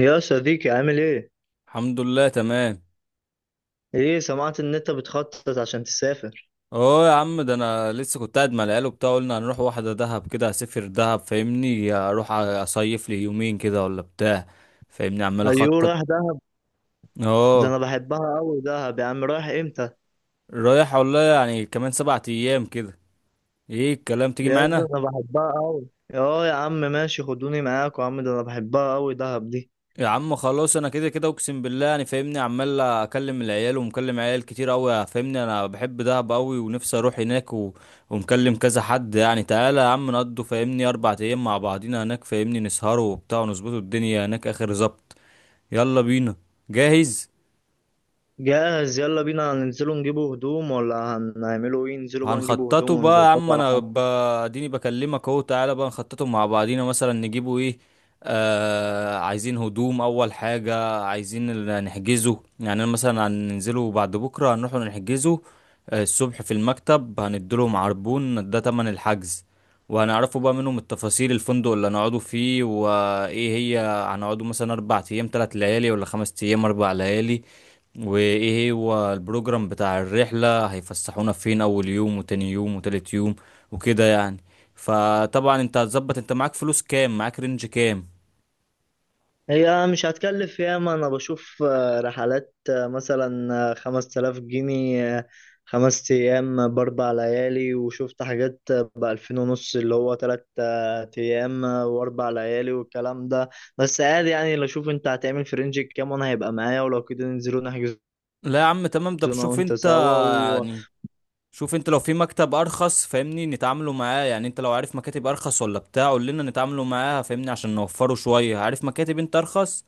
يا صديقي، عامل ايه؟ الحمد لله تمام. ايه، سمعت ان انت بتخطط عشان تسافر. اه يا عم، ده انا لسه كنت قاعد مع العيال وبتاع، قلنا هنروح واحده دهب كده، هسافر دهب فاهمني، اروح اصيف لي يومين كده ولا بتاع، فاهمني عمال ايوه، اخطط. رايح دهب. ده اه. انا بحبها قوي دهب يا عم، رايح امتى؟ رايح والله يعني كمان 7 ايام كده. ايه الكلام، تيجي يا، ده معانا؟ انا بحبها قوي. اه يا عم، ماشي، خدوني معاك يا عم، ده انا بحبها قوي دهب دي. يا عم خلاص انا كده كده اقسم بالله انا فاهمني عمال اكلم العيال، ومكلم عيال كتير قوي فاهمني، انا بحب دهب قوي ونفسي اروح هناك ومكلم كذا حد يعني، تعالى يا عم نقضوا فاهمني اربع ايام مع بعضينا هناك، فاهمني نسهروا وبتاع ونظبطوا الدنيا هناك اخر زبط. يلا بينا. جاهز. جاهز، يلا بينا. هننزلوا نجيبوا هدوم ولا هنعملوا ايه؟ ننزلوا بقى نجيبوا هنخططه هدوم بقى يا ونظبطوا عم. على حاجة. اديني بكلمك اهو، تعالى بقى نخططه مع بعضينا، مثلا نجيبه ايه. آه، عايزين هدوم اول حاجة، نحجزه يعني، انا مثلا هننزله بعد بكرة هنروح نحجزه. الصبح في المكتب هنديلهم عربون ده تمن الحجز، وهنعرفوا بقى منهم التفاصيل، الفندق اللي هنقعدوا فيه وايه هي، هنقعدوا مثلا 4 ايام 3 ليالي ولا 5 ايام 4 ليالي، وايه هو البروجرام بتاع الرحلة، هيفسحونا فين اول يوم وتاني يوم وتالت يوم وكده يعني. فطبعا انت هتظبط، انت معاك فلوس كام، معاك رينج كام. هي مش هتكلف ياما، انا بشوف رحلات، مثلا 5000 جنيه، 5 ايام ب4 ليالي. وشفت حاجات ب2500، اللي هو تلات ايام واربع ليالي والكلام ده. بس عادي يعني، لو اشوف انت هتعمل في رينج كام وانا هيبقى معايا، ولو كده ننزلوا نحجزوا. لا يا عم تمام، ده انا بشوف وانت انت سوا. يعني. شوف انت لو في مكتب ارخص فاهمني نتعاملوا معاه، يعني انت لو عارف مكاتب ارخص ولا بتاع قول لنا نتعاملوا معاها فاهمني، عشان نوفره شوية. عارف مكاتب انت ارخص؟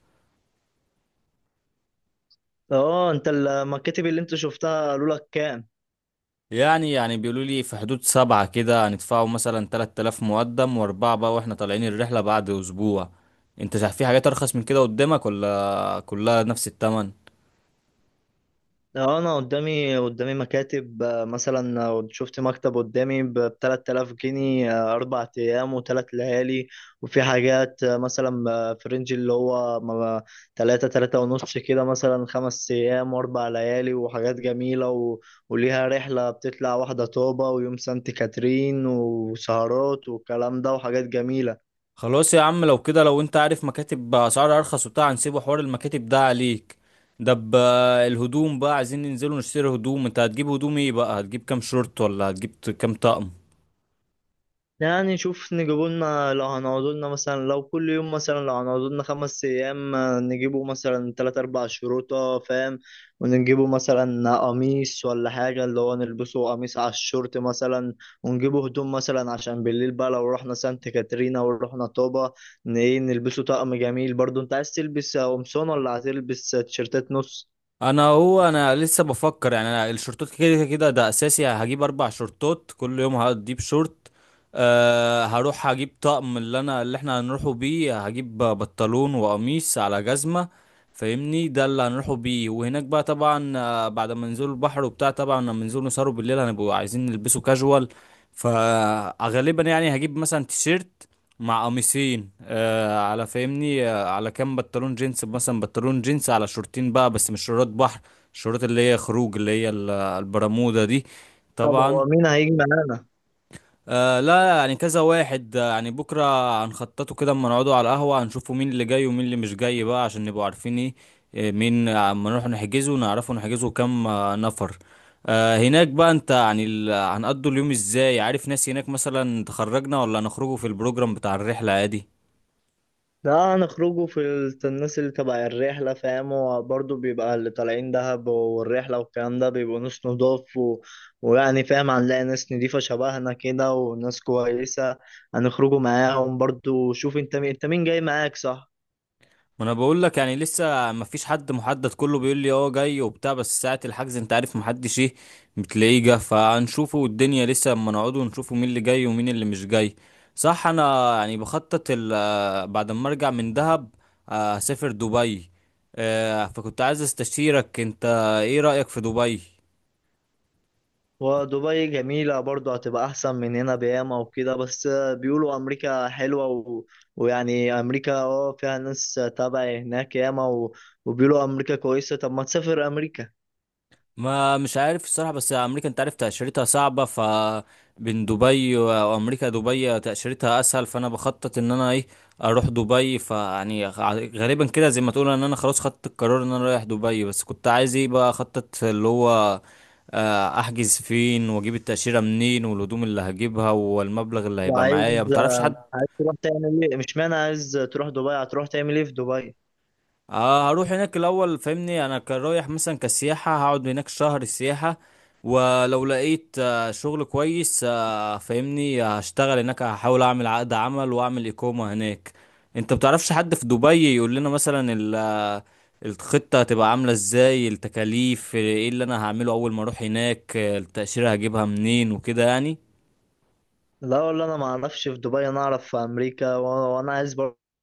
اه، انت المكاتب اللي انت شفتها قالوا لك كام؟ يعني بيقولوا لي في حدود سبعة كده، هندفعوا مثلا 3000 مقدم وأربعة بقى، وإحنا طالعين الرحلة بعد أسبوع. أنت شايف في حاجات أرخص من كده قدامك ولا كلها نفس التمن؟ اه، انا قدامي مكاتب، مثلا، شفت مكتب قدامي ب 3000 جنيه، 4 ايام و3 ليالي. وفي حاجات مثلا، في رينج اللي هو تلاتة تلاتة ونص كده، مثلا 5 ايام و4 ليالي وحاجات جميلة. وليها رحلة بتطلع واحدة طوبة ويوم سانت كاترين وسهرات والكلام ده وحاجات جميلة. خلاص يا عم، لو كده لو أنت عارف مكاتب بأسعار أرخص وبتاع هنسيبه حوار المكاتب ده عليك. ده ب- الهدوم بقى، عايزين ننزلوا نشتري هدوم. أنت هتجيب هدوم إيه بقى؟ هتجيب كام شورت، ولا هتجيب كام طقم؟ يعني شوف، نجيبوا لنا لو هنقعدوا لنا مثلا، لو كل يوم مثلا، لو هنقعدوا لنا 5 أيام، نجيبوا مثلا 3 أو 4 شروطة، فاهم. ونجيبوا مثلا قميص ولا حاجة اللي هو نلبسه قميص على الشورت مثلا. ونجيبوا هدوم مثلا عشان بالليل بقى، لو رحنا سانت كاترينا ورحنا طوبة، إيه، نلبسه طقم جميل برضو. أنت عايز تلبس قمصان ولا هتلبس تيشيرتات نص؟ انا هو انا لسه بفكر يعني، انا الشورتات كده كده ده اساسي هجيب 4 شورتات، كل يوم هجيب شورت. أه هروح هجيب طقم، اللي احنا هنروحوا بيه، هجيب بنطلون وقميص على جزمة، فاهمني ده اللي هنروحوا بيه. وهناك بقى طبعا، بعد ما ننزلوا البحر وبتاع، طبعا لما ننزلوا نسهروا بالليل هنبقوا عايزين نلبسوا كاجوال. فغالبا يعني هجيب مثلا تيشيرت مع قميصين على فاهمني على كام بنطلون جينز، مثلا بنطلون جينز على شورتين بقى، بس مش شورت بحر، الشورت اللي هي خروج، اللي هي البرمودا دي. طب طبعا. هو مين هيجي معانا؟ لا يعني كذا واحد، يعني بكرة هنخططه كده، اما نقعدوا على القهوة هنشوفوا مين اللي جاي ومين اللي مش جاي بقى، عشان نبقوا عارفين ايه، مين، اما نروح نحجزه ونعرفه نحجزه كام نفر. آه، هناك بقى انت يعني، هنقضوا اليوم ازاي؟ عارف ناس هناك مثلا تخرجنا، ولا هنخرجوا في البروجرام بتاع الرحلة عادي؟ ده هنخرجوا في الناس اللي تبع الرحلة، فاهم. وبرضه بيبقى اللي طالعين دهب والرحلة والكلام ده بيبقوا ناس نضاف. ويعني فاهم، هنلاقي ناس نضيفة شبهنا كده وناس كويسة. هنخرجوا معاهم برضه. شوف انت مين، انت مين جاي معاك، صح؟ ما انا بقول لك يعني لسه ما فيش حد محدد، كله بيقول لي اه جاي وبتاع، بس ساعة الحجز انت عارف، محدش ايه، بتلاقيه جه، فهنشوفه والدنيا لسه، اما نقعد ونشوفه مين اللي جاي ومين اللي مش جاي. صح. انا يعني بخطط بعد ما ارجع من دهب، هسافر دبي. فكنت عايز استشيرك انت، ايه رأيك في دبي. ودبي جميلة برضه، هتبقى أحسن من هنا بياما وكده. بس بيقولوا أمريكا حلوة. ويعني أمريكا فيها ناس تابع هناك ياما. وبيقولوا أمريكا كويسة، طب ما تسافر أمريكا؟ ما مش عارف الصراحة، بس أمريكا أنت عارف تأشيرتها صعبة، ف بين دبي وأمريكا، دبي تأشيرتها أسهل، فأنا بخطط إن أنا إيه، أروح دبي. غالبا كده زي ما تقول إن أنا خلاص خدت القرار إن أنا رايح دبي، بس كنت عايز إيه بقى أخطط، اللي هو أحجز فين، وأجيب التأشيرة منين، والهدوم اللي هجيبها، والمبلغ اللي هيبقى وعايز، معايا. متعرفش حد؟ تروح تعمل ايه؟ مش معنى عايز تروح دبي هتروح تعمل ايه في دبي؟ هروح هناك الاول فاهمني، انا كان رايح مثلا كسياحه، هقعد هناك شهر سياحه، ولو لقيت شغل كويس فاهمني هشتغل هناك، هحاول اعمل عقد عمل واعمل اقامه هناك. انت بتعرفش حد في دبي يقول لنا مثلا الخطه هتبقى عامله ازاي، التكاليف ايه، اللي انا هعمله اول ما اروح هناك، التاشيره هجيبها منين، وكده يعني. لا والله، انا ما اعرفش في دبي، انا اعرف في امريكا. وانا عايز برضه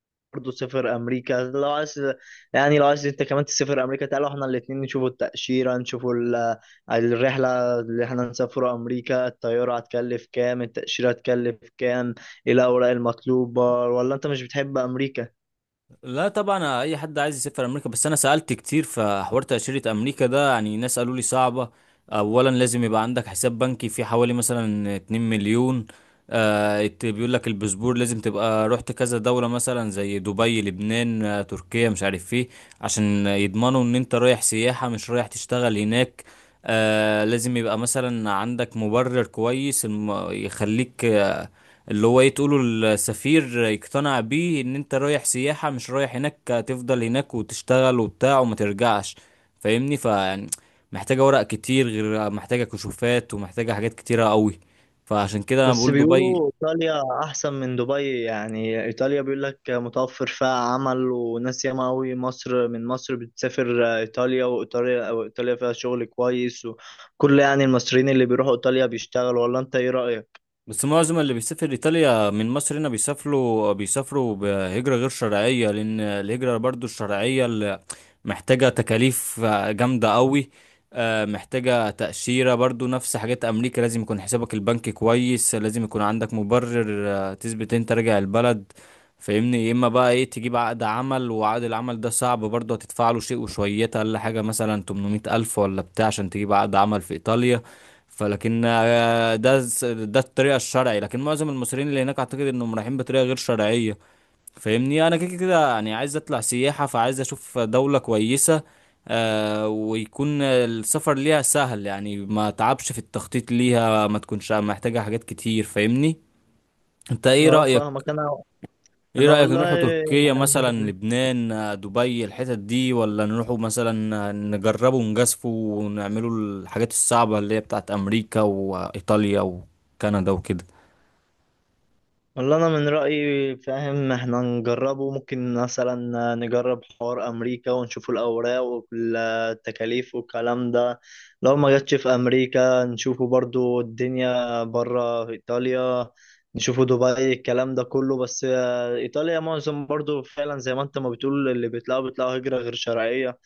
اسافر امريكا لو عايز. يعني لو عايز انت كمان تسافر امريكا، تعالوا احنا الاتنين نشوفوا التأشيرة، نشوفوا الرحلة اللي احنا نسافروا امريكا. الطيارة هتكلف كام؟ التأشيرة هتكلف كام؟ ايه الاوراق المطلوبة؟ ولا انت مش بتحب امريكا؟ لا طبعا اي حد عايز يسافر امريكا، بس انا سالت كتير في حوار تاشيره امريكا ده، يعني ناس قالوا لي صعبه. اولا لازم يبقى عندك حساب بنكي فيه حوالي مثلا 2 مليون. بيقول لك الباسبور لازم تبقى رحت كذا دوله، مثلا زي دبي، لبنان، تركيا، مش عارف ايه، عشان يضمنوا ان انت رايح سياحه مش رايح تشتغل هناك. آه لازم يبقى مثلا عندك مبرر كويس، يخليك اللي هو ايه تقوله، السفير يقتنع بيه ان انت رايح سياحة، مش رايح هناك تفضل هناك وتشتغل وبتاع وما ترجعش، فاهمني فيعني محتاجة ورق كتير، غير محتاجة كشوفات، ومحتاجة حاجات كتيرة قوي. فعشان كده انا بس بقول دبي. بيقولوا إيطاليا أحسن من دبي. يعني إيطاليا بيقول لك متوفر فيها عمل وناس ياما أوي. مصر، من مصر بتسافر إيطاليا وإيطاليا وإيطاليا فيها شغل كويس. وكل يعني المصريين اللي بيروحوا إيطاليا بيشتغلوا، ولا أنت إيه رأيك؟ بس معظم اللي بيسافر ايطاليا من مصر هنا بيسافروا، بهجرة غير شرعية، لان الهجرة برضو الشرعية اللي محتاجة تكاليف جامدة قوي، محتاجة تأشيرة برضو نفس حاجات امريكا، لازم يكون حسابك البنكي كويس، لازم يكون عندك مبرر تثبت انت راجع البلد، فاهمني. يا اما بقى ايه، تجيب عقد عمل، وعقد العمل ده صعب برضو، هتدفع له شيء وشويات، اقل حاجة مثلا 800 الف ولا بتاع، عشان تجيب عقد عمل في ايطاليا. فلكن ده الطريقه الشرعي، لكن معظم المصريين اللي هناك اعتقد انهم رايحين بطريقه غير شرعيه. فاهمني انا كده كده يعني عايز اطلع سياحه، فعايز اشوف دوله كويسه، ويكون السفر ليها سهل، يعني ما تعبش في التخطيط ليها، ما تكونش محتاجه حاجات كتير فاهمني. انت ايه أه، رايك؟ فاهمك أنا. ايه أنا رأيك والله نروحوا تركيا مثلا، يعني، لبنان، دبي، الحتت دي، ولا نروحوا مثلا نجربوا ونجازفوا ونعملوا الحاجات الصعبة اللي هي بتاعت امريكا وايطاليا وكندا وكده؟ والله انا من رايي، فاهم، احنا نجربه. ممكن مثلا نجرب حوار امريكا ونشوف الاوراق والتكاليف والكلام ده. لو ما جاتش في امريكا نشوفه برضو الدنيا بره في ايطاليا، نشوفه دبي، الكلام ده كله. بس ايطاليا معظم برضو، فعلا زي ما انت ما بتقول، اللي بيطلعوا بيطلعوا هجرة غير شرعية.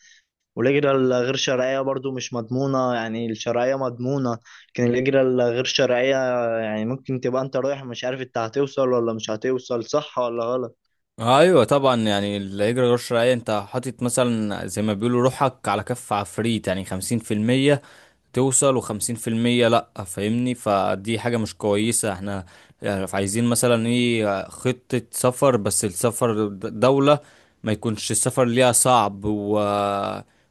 والهجرة الغير شرعية برضو مش مضمونة، يعني الشرعية مضمونة، لكن الهجرة الغير شرعية يعني ممكن تبقى انت رايح مش عارف انت هتوصل ولا مش هتوصل، صح ولا غلط. ايوه طبعا، يعني اللي يجري غير شرعي انت حاطط مثلا زي ما بيقولوا روحك على كف عفريت، يعني 50% توصل وخمسين في المية لأ، فاهمني، فدي حاجة مش كويسة. احنا يعني عايزين مثلا ايه، خطة سفر بس السفر دولة ما يكونش السفر ليها صعب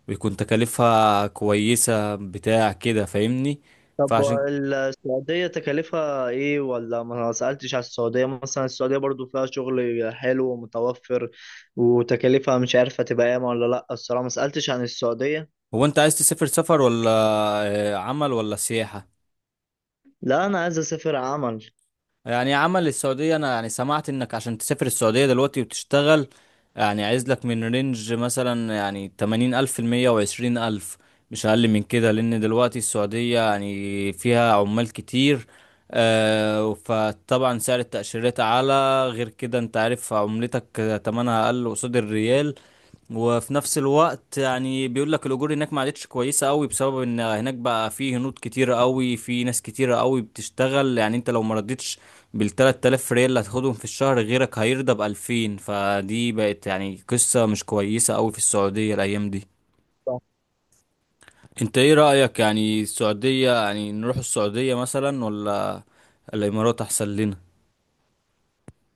ويكون تكاليفها كويسة بتاع كده فاهمني. طب فعشان. السعودية تكاليفها ايه، ولا ما سألتش على السعودية؟ مثلا السعودية برضو فيها شغل حلو ومتوفر، وتكاليفها مش عارف هتبقى ايه ولا لا. الصراحة ما سألتش عن السعودية. هو انت عايز تسافر سفر ولا عمل ولا سياحة؟ لا، انا عايز اسافر عمل. يعني عمل، السعودية، أنا يعني سمعت إنك عشان تسافر السعودية دلوقتي وتشتغل، يعني عايز لك من رينج مثلا يعني 80 ألف، 120 ألف، مش أقل من كده، لأن دلوقتي السعودية يعني فيها عمال كتير، فطبعا سعر التأشيرات أعلى. غير كده أنت عارف عملتك تمنها أقل قصاد الريال، وفي نفس الوقت يعني بيقول لك الاجور هناك ما عادتش كويسه قوي، بسبب ان هناك بقى في هنود كتيره قوي، في ناس كتيره قوي بتشتغل، يعني انت لو ما ردتش بال 3000 ريال اللي هتاخدهم في الشهر غيرك هيرضى ب 2000، فدي بقت يعني قصه مش كويسه قوي في السعوديه الايام دي. انت ايه رايك يعني السعوديه، يعني نروح السعوديه مثلا ولا الامارات احسن لنا؟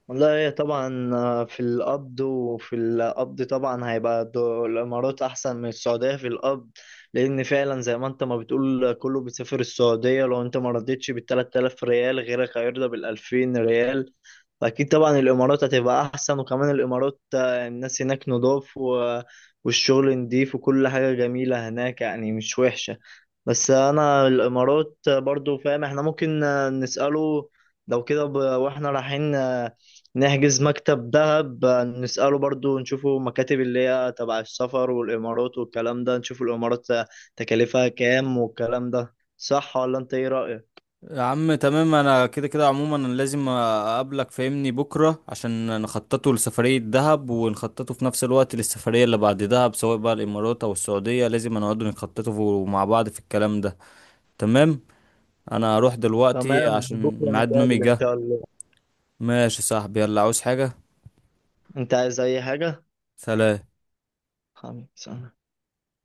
والله هي طبعا في القبض، وفي القبض طبعا هيبقى الإمارات أحسن من السعودية في القبض. لأن فعلا زي ما أنت ما بتقول كله بيسافر السعودية، لو أنت ما رضيتش بال3000 ريال غيرك هيرضى ب2000 ريال. فأكيد طبعا الإمارات هتبقى أحسن. وكمان الإمارات الناس هناك نضاف، والشغل نضيف، وكل حاجة جميلة هناك يعني مش وحشة. بس أنا الإمارات برضو فاهم إحنا ممكن نسأله، لو كده وإحنا رايحين نحجز مكتب دهب، نسأله برضو، نشوفه مكاتب اللي هي تبع السفر، والإمارات والكلام ده نشوف الإمارات تكلفها كام والكلام ده، صح ولا أنت إيه رأيك؟ يا عم تمام، انا كده كده عموما انا لازم اقابلك فاهمني بكره، عشان نخططه لسفريه دهب، ونخططه في نفس الوقت للسفريه اللي بعد دهب، سواء بقى الامارات او السعوديه، لازم نقعد نخططه مع بعض في الكلام ده. تمام. انا هروح دلوقتي تمام، عشان بكرة ميعاد نومي نتقابل إن جه. شاء الله. ماشي يا صاحبي، يلا، عاوز حاجه؟ أنت عايز أي حاجة؟ سلام. خمسة.